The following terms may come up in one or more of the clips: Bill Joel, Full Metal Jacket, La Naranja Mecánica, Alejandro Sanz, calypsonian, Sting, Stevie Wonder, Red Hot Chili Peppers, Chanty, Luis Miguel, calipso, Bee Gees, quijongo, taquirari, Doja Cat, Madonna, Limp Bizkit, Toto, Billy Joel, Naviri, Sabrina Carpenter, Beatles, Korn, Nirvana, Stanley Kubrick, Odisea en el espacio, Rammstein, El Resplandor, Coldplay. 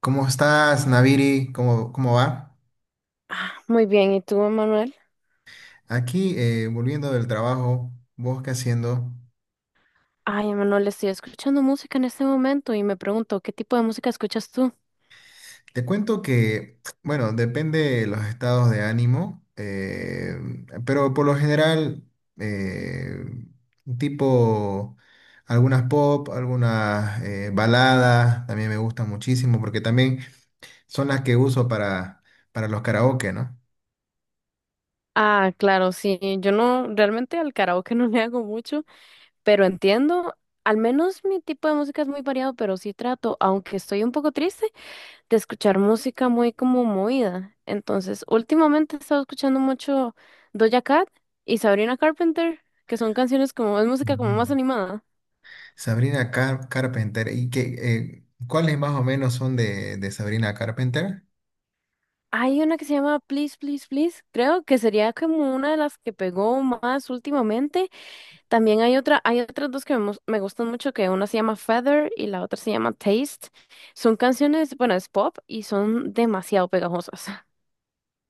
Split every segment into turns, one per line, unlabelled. ¿Cómo estás, Naviri? ¿Cómo, cómo va?
Ah, muy bien, ¿y tú, Emanuel?
Aquí, volviendo del trabajo, ¿vos qué haciendo?
Ay, Emanuel, estoy escuchando música en este momento y me pregunto, ¿qué tipo de música escuchas tú?
Te cuento que, bueno, depende de los estados de ánimo, pero por lo general, eh, tipo algunas pop, algunas baladas, también me gustan muchísimo porque también son las que uso para los karaoke, ¿no?
Ah, claro, sí, yo no, realmente al karaoke no le hago mucho, pero entiendo, al menos mi tipo de música es muy variado, pero sí trato, aunque estoy un poco triste, de escuchar música muy como movida. Entonces, últimamente he estado escuchando mucho Doja Cat y Sabrina Carpenter, que son canciones como, es música como
Ujú.
más animada.
Carpenter. ¿Y qué, cuáles más o menos son de Sabrina Carpenter?
Hay una que se llama Please, Please, Please, creo que sería como una de las que pegó más últimamente. También hay otra, hay otras dos que me, me gustan mucho, que una se llama Feather y la otra se llama Taste. Son canciones, bueno, es pop y son demasiado pegajosas.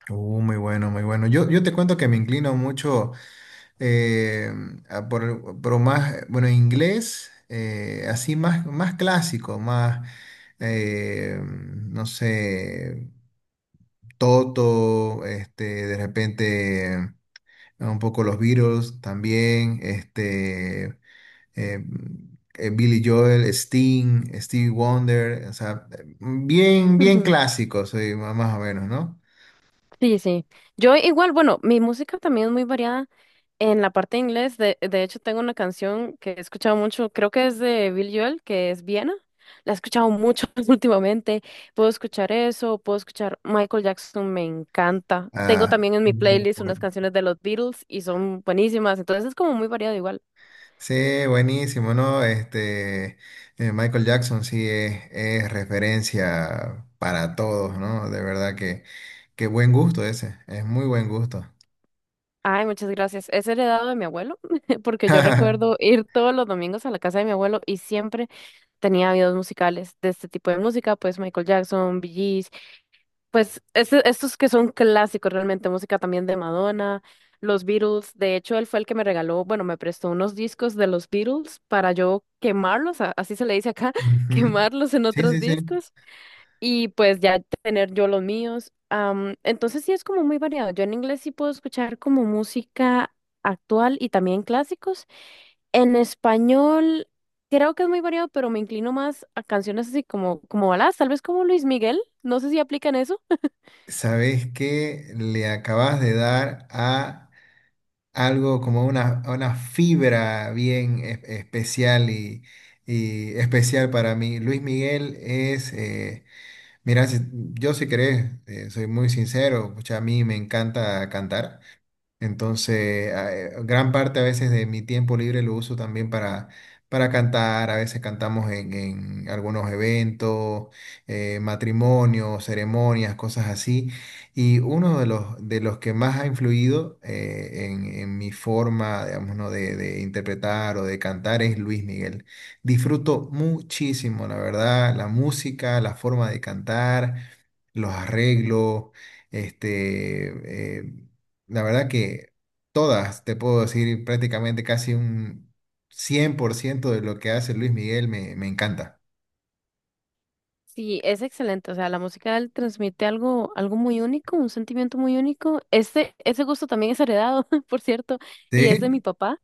Muy bueno, muy bueno. Yo te cuento que me inclino mucho eh, a por más, bueno, inglés, así más, más clásico, más, no sé, Toto, este, de repente un poco los Beatles también, este. Billy Joel, Sting, Stevie Wonder, o sea, bien, bien clásicos, sí, más o menos, ¿no?
Sí, sí. Yo igual, bueno, mi música también es muy variada en la parte de inglés. De hecho, tengo una canción que he escuchado mucho, creo que es de Bill Joel, que es Viena. La he escuchado mucho últimamente. Puedo escuchar eso, puedo escuchar Michael Jackson, me encanta. Tengo
Ah,
también en mi
muy
playlist unas
bueno.
canciones de los Beatles y son buenísimas. Entonces es como muy variado igual.
Sí, buenísimo, ¿no? Este, Michael Jackson sí es referencia para todos, ¿no? De verdad que, qué buen gusto ese, es muy buen gusto.
Ay, muchas gracias. Es heredado de mi abuelo, porque yo recuerdo ir todos los domingos a la casa de mi abuelo y siempre tenía videos musicales de este tipo de música, pues Michael Jackson, Bee Gees, pues estos que son clásicos realmente, música también de Madonna, los Beatles, de hecho él fue el que me regaló, bueno, me prestó unos discos de los Beatles para yo quemarlos, así se le dice acá,
Ujú.
quemarlos en
Sí,
otros
sí, sí.
discos y pues ya tener yo los míos. Am, entonces sí es como muy variado. Yo en inglés sí puedo escuchar como música actual y también clásicos. En español, creo que es muy variado, pero me inclino más a canciones así como, como baladas, tal vez como Luis Miguel. No sé si aplican eso.
¿Sabes qué le acabas de dar a algo como una fibra bien especial y especial para mí. Luis Miguel es, mira, yo si querés, soy muy sincero, pucha, a mí me encanta cantar. Entonces, gran parte a veces de mi tiempo libre lo uso también para cantar. A veces cantamos en algunos eventos, matrimonios, ceremonias, cosas así. Y uno de los que más ha influido en mi forma, digamos, ¿no? De interpretar o de cantar es Luis Miguel. Disfruto muchísimo, la verdad, la música, la forma de cantar, los arreglos, este... eh, la verdad que todas, te puedo decir prácticamente casi un 100% de lo que hace Luis Miguel me, me encanta.
Sí, es excelente. O sea, la música de él transmite algo, algo muy único, un sentimiento muy único. Este, ese gusto también es heredado, por cierto, y es de
¿Sí?
mi papá.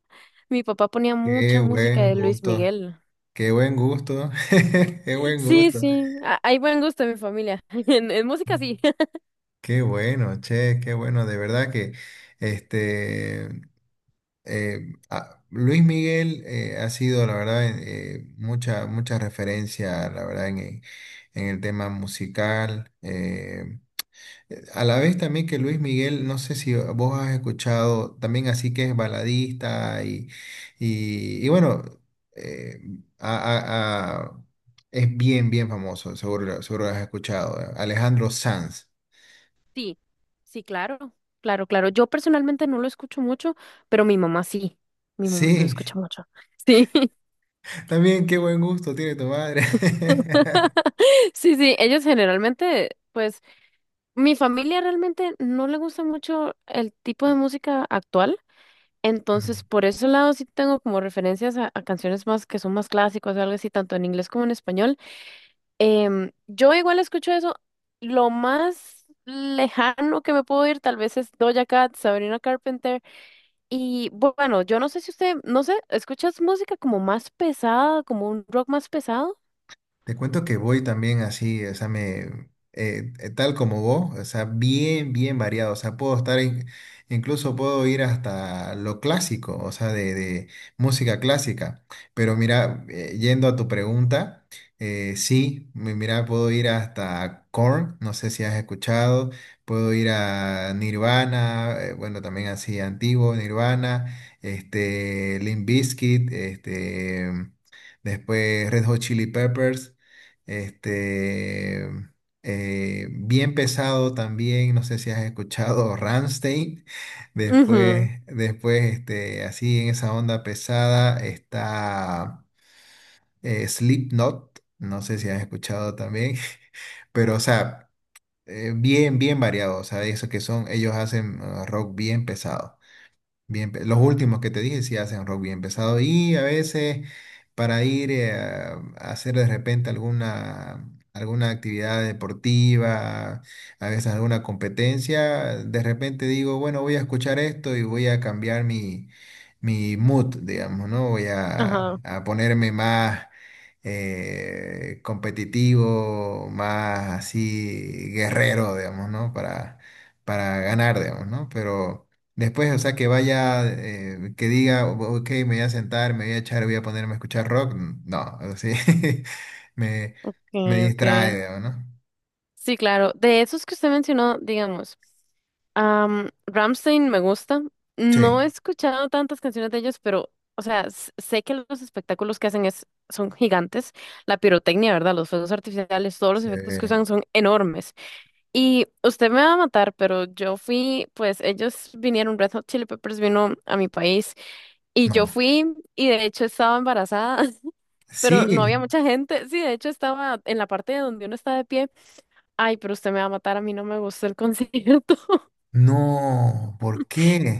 Mi papá ponía
Qué
mucha música
buen
de Luis
gusto,
Miguel.
qué buen gusto, qué buen
Sí,
gusto.
sí, hay buen gusto en mi familia. En música, sí.
Qué bueno, che, qué bueno. De verdad que este Luis Miguel ha sido, la verdad, mucha, mucha referencia, la verdad, en el tema musical. A la vez también que Luis Miguel, no sé si vos has escuchado, también así que es baladista y, y bueno, eh, a- a- a- es bien, bien famoso, seguro, seguro lo has escuchado, Alejandro Sanz.
Sí, sí, claro, claro, claro. Yo personalmente no lo escucho mucho, pero mi mamá sí lo
Sí,
escucha mucho. Sí,
también qué buen gusto tiene tu madre.
sí, sí, ellos generalmente, pues, mi familia realmente no le gusta mucho el tipo de música actual, entonces por ese lado sí tengo como referencias a canciones más que son más clásicas o algo así, tanto en inglés como en español. Em, yo igual escucho eso, lo más lejano que me puedo ir tal vez es Doja Cat, Sabrina Carpenter. Y bueno, yo no sé si usted, no sé, ¿escuchas música como más pesada, como un rock más pesado?
Te cuento que voy también así, o sea, me, tal como vos, o sea, bien, bien variado, o sea, puedo estar, incluso puedo ir hasta lo clásico, o sea, de música clásica, pero mira, yendo a tu pregunta, sí, mira, puedo ir hasta Korn, no sé si has escuchado, puedo ir a Nirvana, bueno, también así antiguo, Nirvana, este, Limp Bizkit, este... Después Red Hot Chili Peppers. Este, bien pesado también, no sé si has escuchado Rammstein.
Ujú.
Después, después este, así en esa onda pesada está Slipknot, no sé si has escuchado también. Pero, o sea, bien, bien variado, o sea, eso que son, ellos hacen rock bien pesado. Bien, los últimos que te dije sí hacen rock bien pesado y a veces para ir a hacer de repente alguna, alguna actividad deportiva, a veces alguna competencia, de repente digo, bueno, voy a escuchar esto y voy a cambiar mi, mi mood, digamos, ¿no? Voy
Ajá.
a ponerme más competitivo, más así guerrero, digamos, ¿no? Para ganar, digamos, ¿no? Pero... Después, o sea, que vaya, que diga, ok, me voy a sentar, me voy a echar, voy a ponerme a escuchar rock. No, así me, me
Okay,
distrae,
okay.
digamos, ¿no?
Sí, claro. De esos que usted mencionó, digamos, Ramstein Rammstein me gusta.
Sí,
No he escuchado tantas canciones de ellos, pero, o sea, sé que los espectáculos que hacen es, son gigantes. La pirotecnia, ¿verdad? Los fuegos artificiales, todos los
sí,
efectos que usan son enormes. Y usted me va a matar, pero yo fui, pues ellos vinieron, Red Hot Chili Peppers vino a mi país y yo
no.
fui y de hecho estaba embarazada, pero no
Sí,
había mucha gente. Sí, de hecho estaba en la parte de donde uno está de pie. Ay, pero usted me va a matar, a mí no me gustó el concierto.
no, ¿por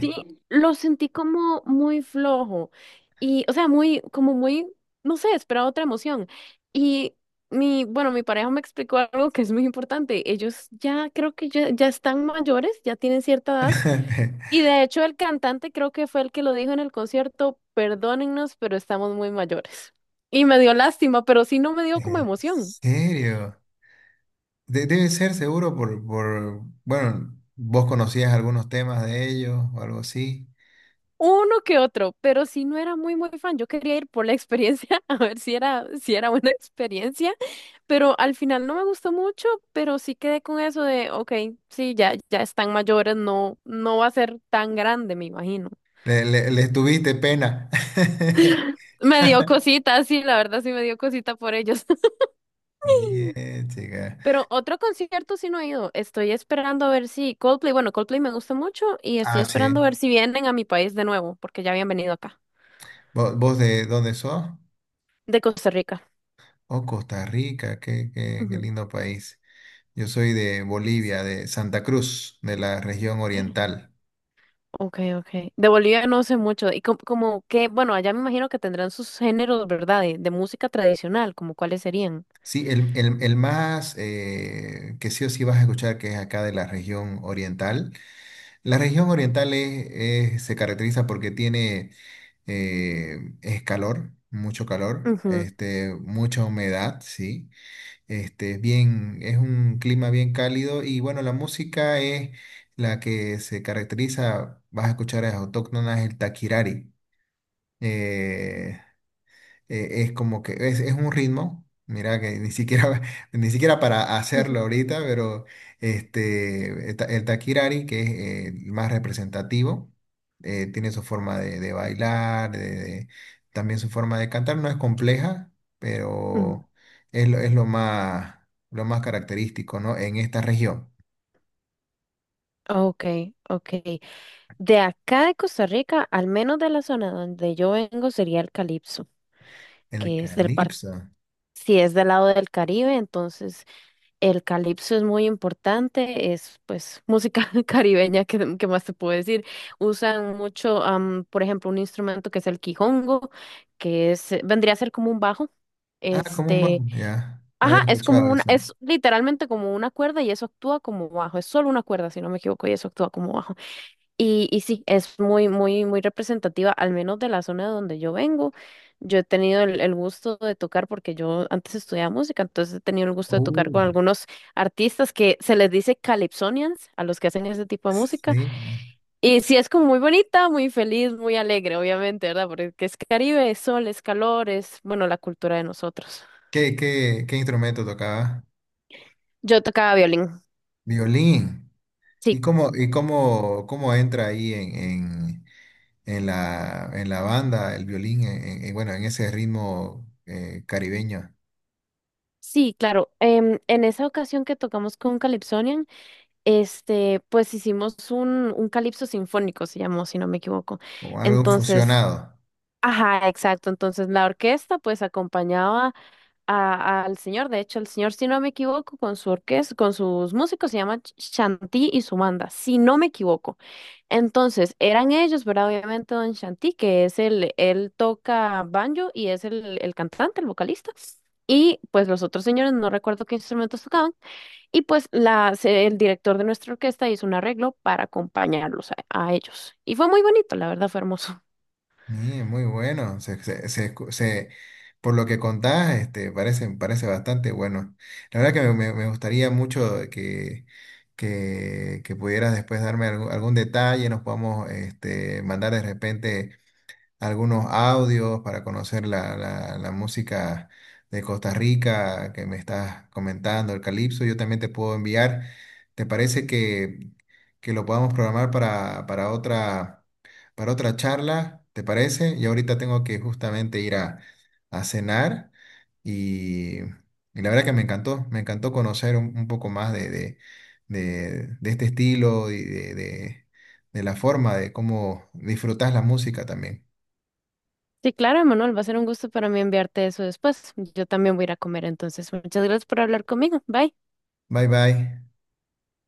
Sí, lo sentí como muy flojo y, o sea, muy, como muy, no sé, esperaba otra emoción. Y mi, bueno, mi pareja me explicó algo que es muy importante. Ellos ya creo que ya, ya están mayores, ya tienen cierta edad. Y de hecho el cantante creo que fue el que lo dijo en el concierto, perdónennos, pero estamos muy mayores. Y me dio lástima, pero sí no me dio como
¿En
emoción.
serio? Debe ser seguro por, bueno, vos conocías algunos temas de ellos o algo así.
Uno que otro, pero sí no era muy muy fan. Yo quería ir por la experiencia, a ver si era, si era buena experiencia, pero al final no me gustó mucho, pero sí quedé con eso de, ok, sí, ya, ya están mayores, no, no va a ser tan grande, me imagino.
Le, les tuviste pena.
Me dio cosita, sí, la verdad sí me dio cosita por ellos.
Bien, chica.
Pero otro concierto sí no he ido. Estoy esperando a ver si Coldplay, bueno, Coldplay me gusta mucho y estoy
Ah, sí.
esperando a ver si vienen a mi país de nuevo, porque ya habían venido acá.
¿Vos de dónde sos?
De Costa Rica.
Oh, Costa Rica, qué, qué, qué
Ujú.
lindo país. Yo soy de Bolivia, de Santa Cruz, de la región
Sí.
oriental.
Ok, ok. De Bolivia no sé mucho. Y como, como que, bueno, allá me imagino que tendrán sus géneros, ¿verdad? De música tradicional, como cuáles serían.
Sí, el más que sí o sí vas a escuchar que es acá de la región oriental. La región oriental se caracteriza porque tiene es calor, mucho calor,
Ujú,
este, mucha humedad, sí. Este, es bien, es un clima bien cálido y bueno, la música es la que se caracteriza, vas a escuchar, es autóctona, es el taquirari. Eh, es como que es un ritmo. Mira que ni siquiera, ni siquiera para
ujú,
hacerlo ahorita, pero este, el Takirari, que es el más representativo, tiene su forma de bailar, también su forma de cantar. No es compleja,
ujú.
pero es lo más característico, ¿no? En esta región.
Ok, ok. De acá de Costa Rica, al menos de la zona donde yo vengo, sería el calipso,
El
que es del par,
calipso.
si es del lado del Caribe, entonces el calipso es muy importante, es pues música caribeña, que, ¿más te puedo decir? Usan mucho, am, por ejemplo, un instrumento que es el quijongo, que es, vendría a ser como un bajo.
Ah, como un
Este,
bajo, ya. No
ajá,
había
es como
escuchado
una,
eso.
es literalmente como una cuerda y eso actúa como bajo, es solo una cuerda, si no me equivoco, y eso actúa como bajo. Y sí, es muy, muy, muy representativa, al menos de la zona donde yo vengo. Yo he tenido el gusto de tocar, porque yo antes estudiaba música, entonces he tenido el gusto de tocar
Uh,
con algunos artistas que se les dice calypsonians, a los que hacen ese tipo de música.
sí.
Y sí, es como muy bonita, muy feliz, muy alegre, obviamente, ¿verdad? Porque es Caribe, es sol, es calor, es, bueno, la cultura de nosotros.
¿Qué, qué, qué instrumento tocaba?
Yo tocaba violín.
Violín.
Sí,
Y cómo, cómo entra ahí en la banda el violín, en, bueno, en ese ritmo caribeño?
sí, claro. Em, en esa ocasión que tocamos con Calypsonian, este, pues hicimos un calipso sinfónico, se llamó, si no me equivoco.
Como algo
Entonces,
fusionado.
ajá, exacto. Entonces, la orquesta pues acompañaba al señor. De hecho, el señor, si no me equivoco, con su orquesta, con sus músicos, se llama Chanty y su banda, si no me equivoco. Entonces, eran ellos, ¿verdad? Obviamente, don Chanty, que es el, él toca banjo y es el cantante, el vocalista. Y pues los otros señores, no recuerdo qué instrumentos tocaban. Y pues la, el director de nuestra orquesta hizo un arreglo para acompañarlos a ellos. Y fue muy bonito, la verdad, fue hermoso.
Mire, muy bueno. Por lo que contás, este, parece, parece bastante bueno. La verdad que me, me gustaría mucho que pudieras después darme algún, algún detalle, nos podamos este, mandar de repente. Algunos audios para conocer la, la música de Costa Rica que me estás comentando, el calipso, yo también te puedo enviar. ¿Te parece que lo podamos programar para otra charla? ¿Te parece? Y ahorita tengo que justamente ir a cenar y la verdad que me encantó conocer un poco más de, de este estilo y de la forma de cómo disfrutas la música también.
Sí, claro, Manuel va a ser un gusto para mí enviarte eso después. Yo también voy a ir a comer, entonces muchas gracias por hablar conmigo. Bye.
Bye bye.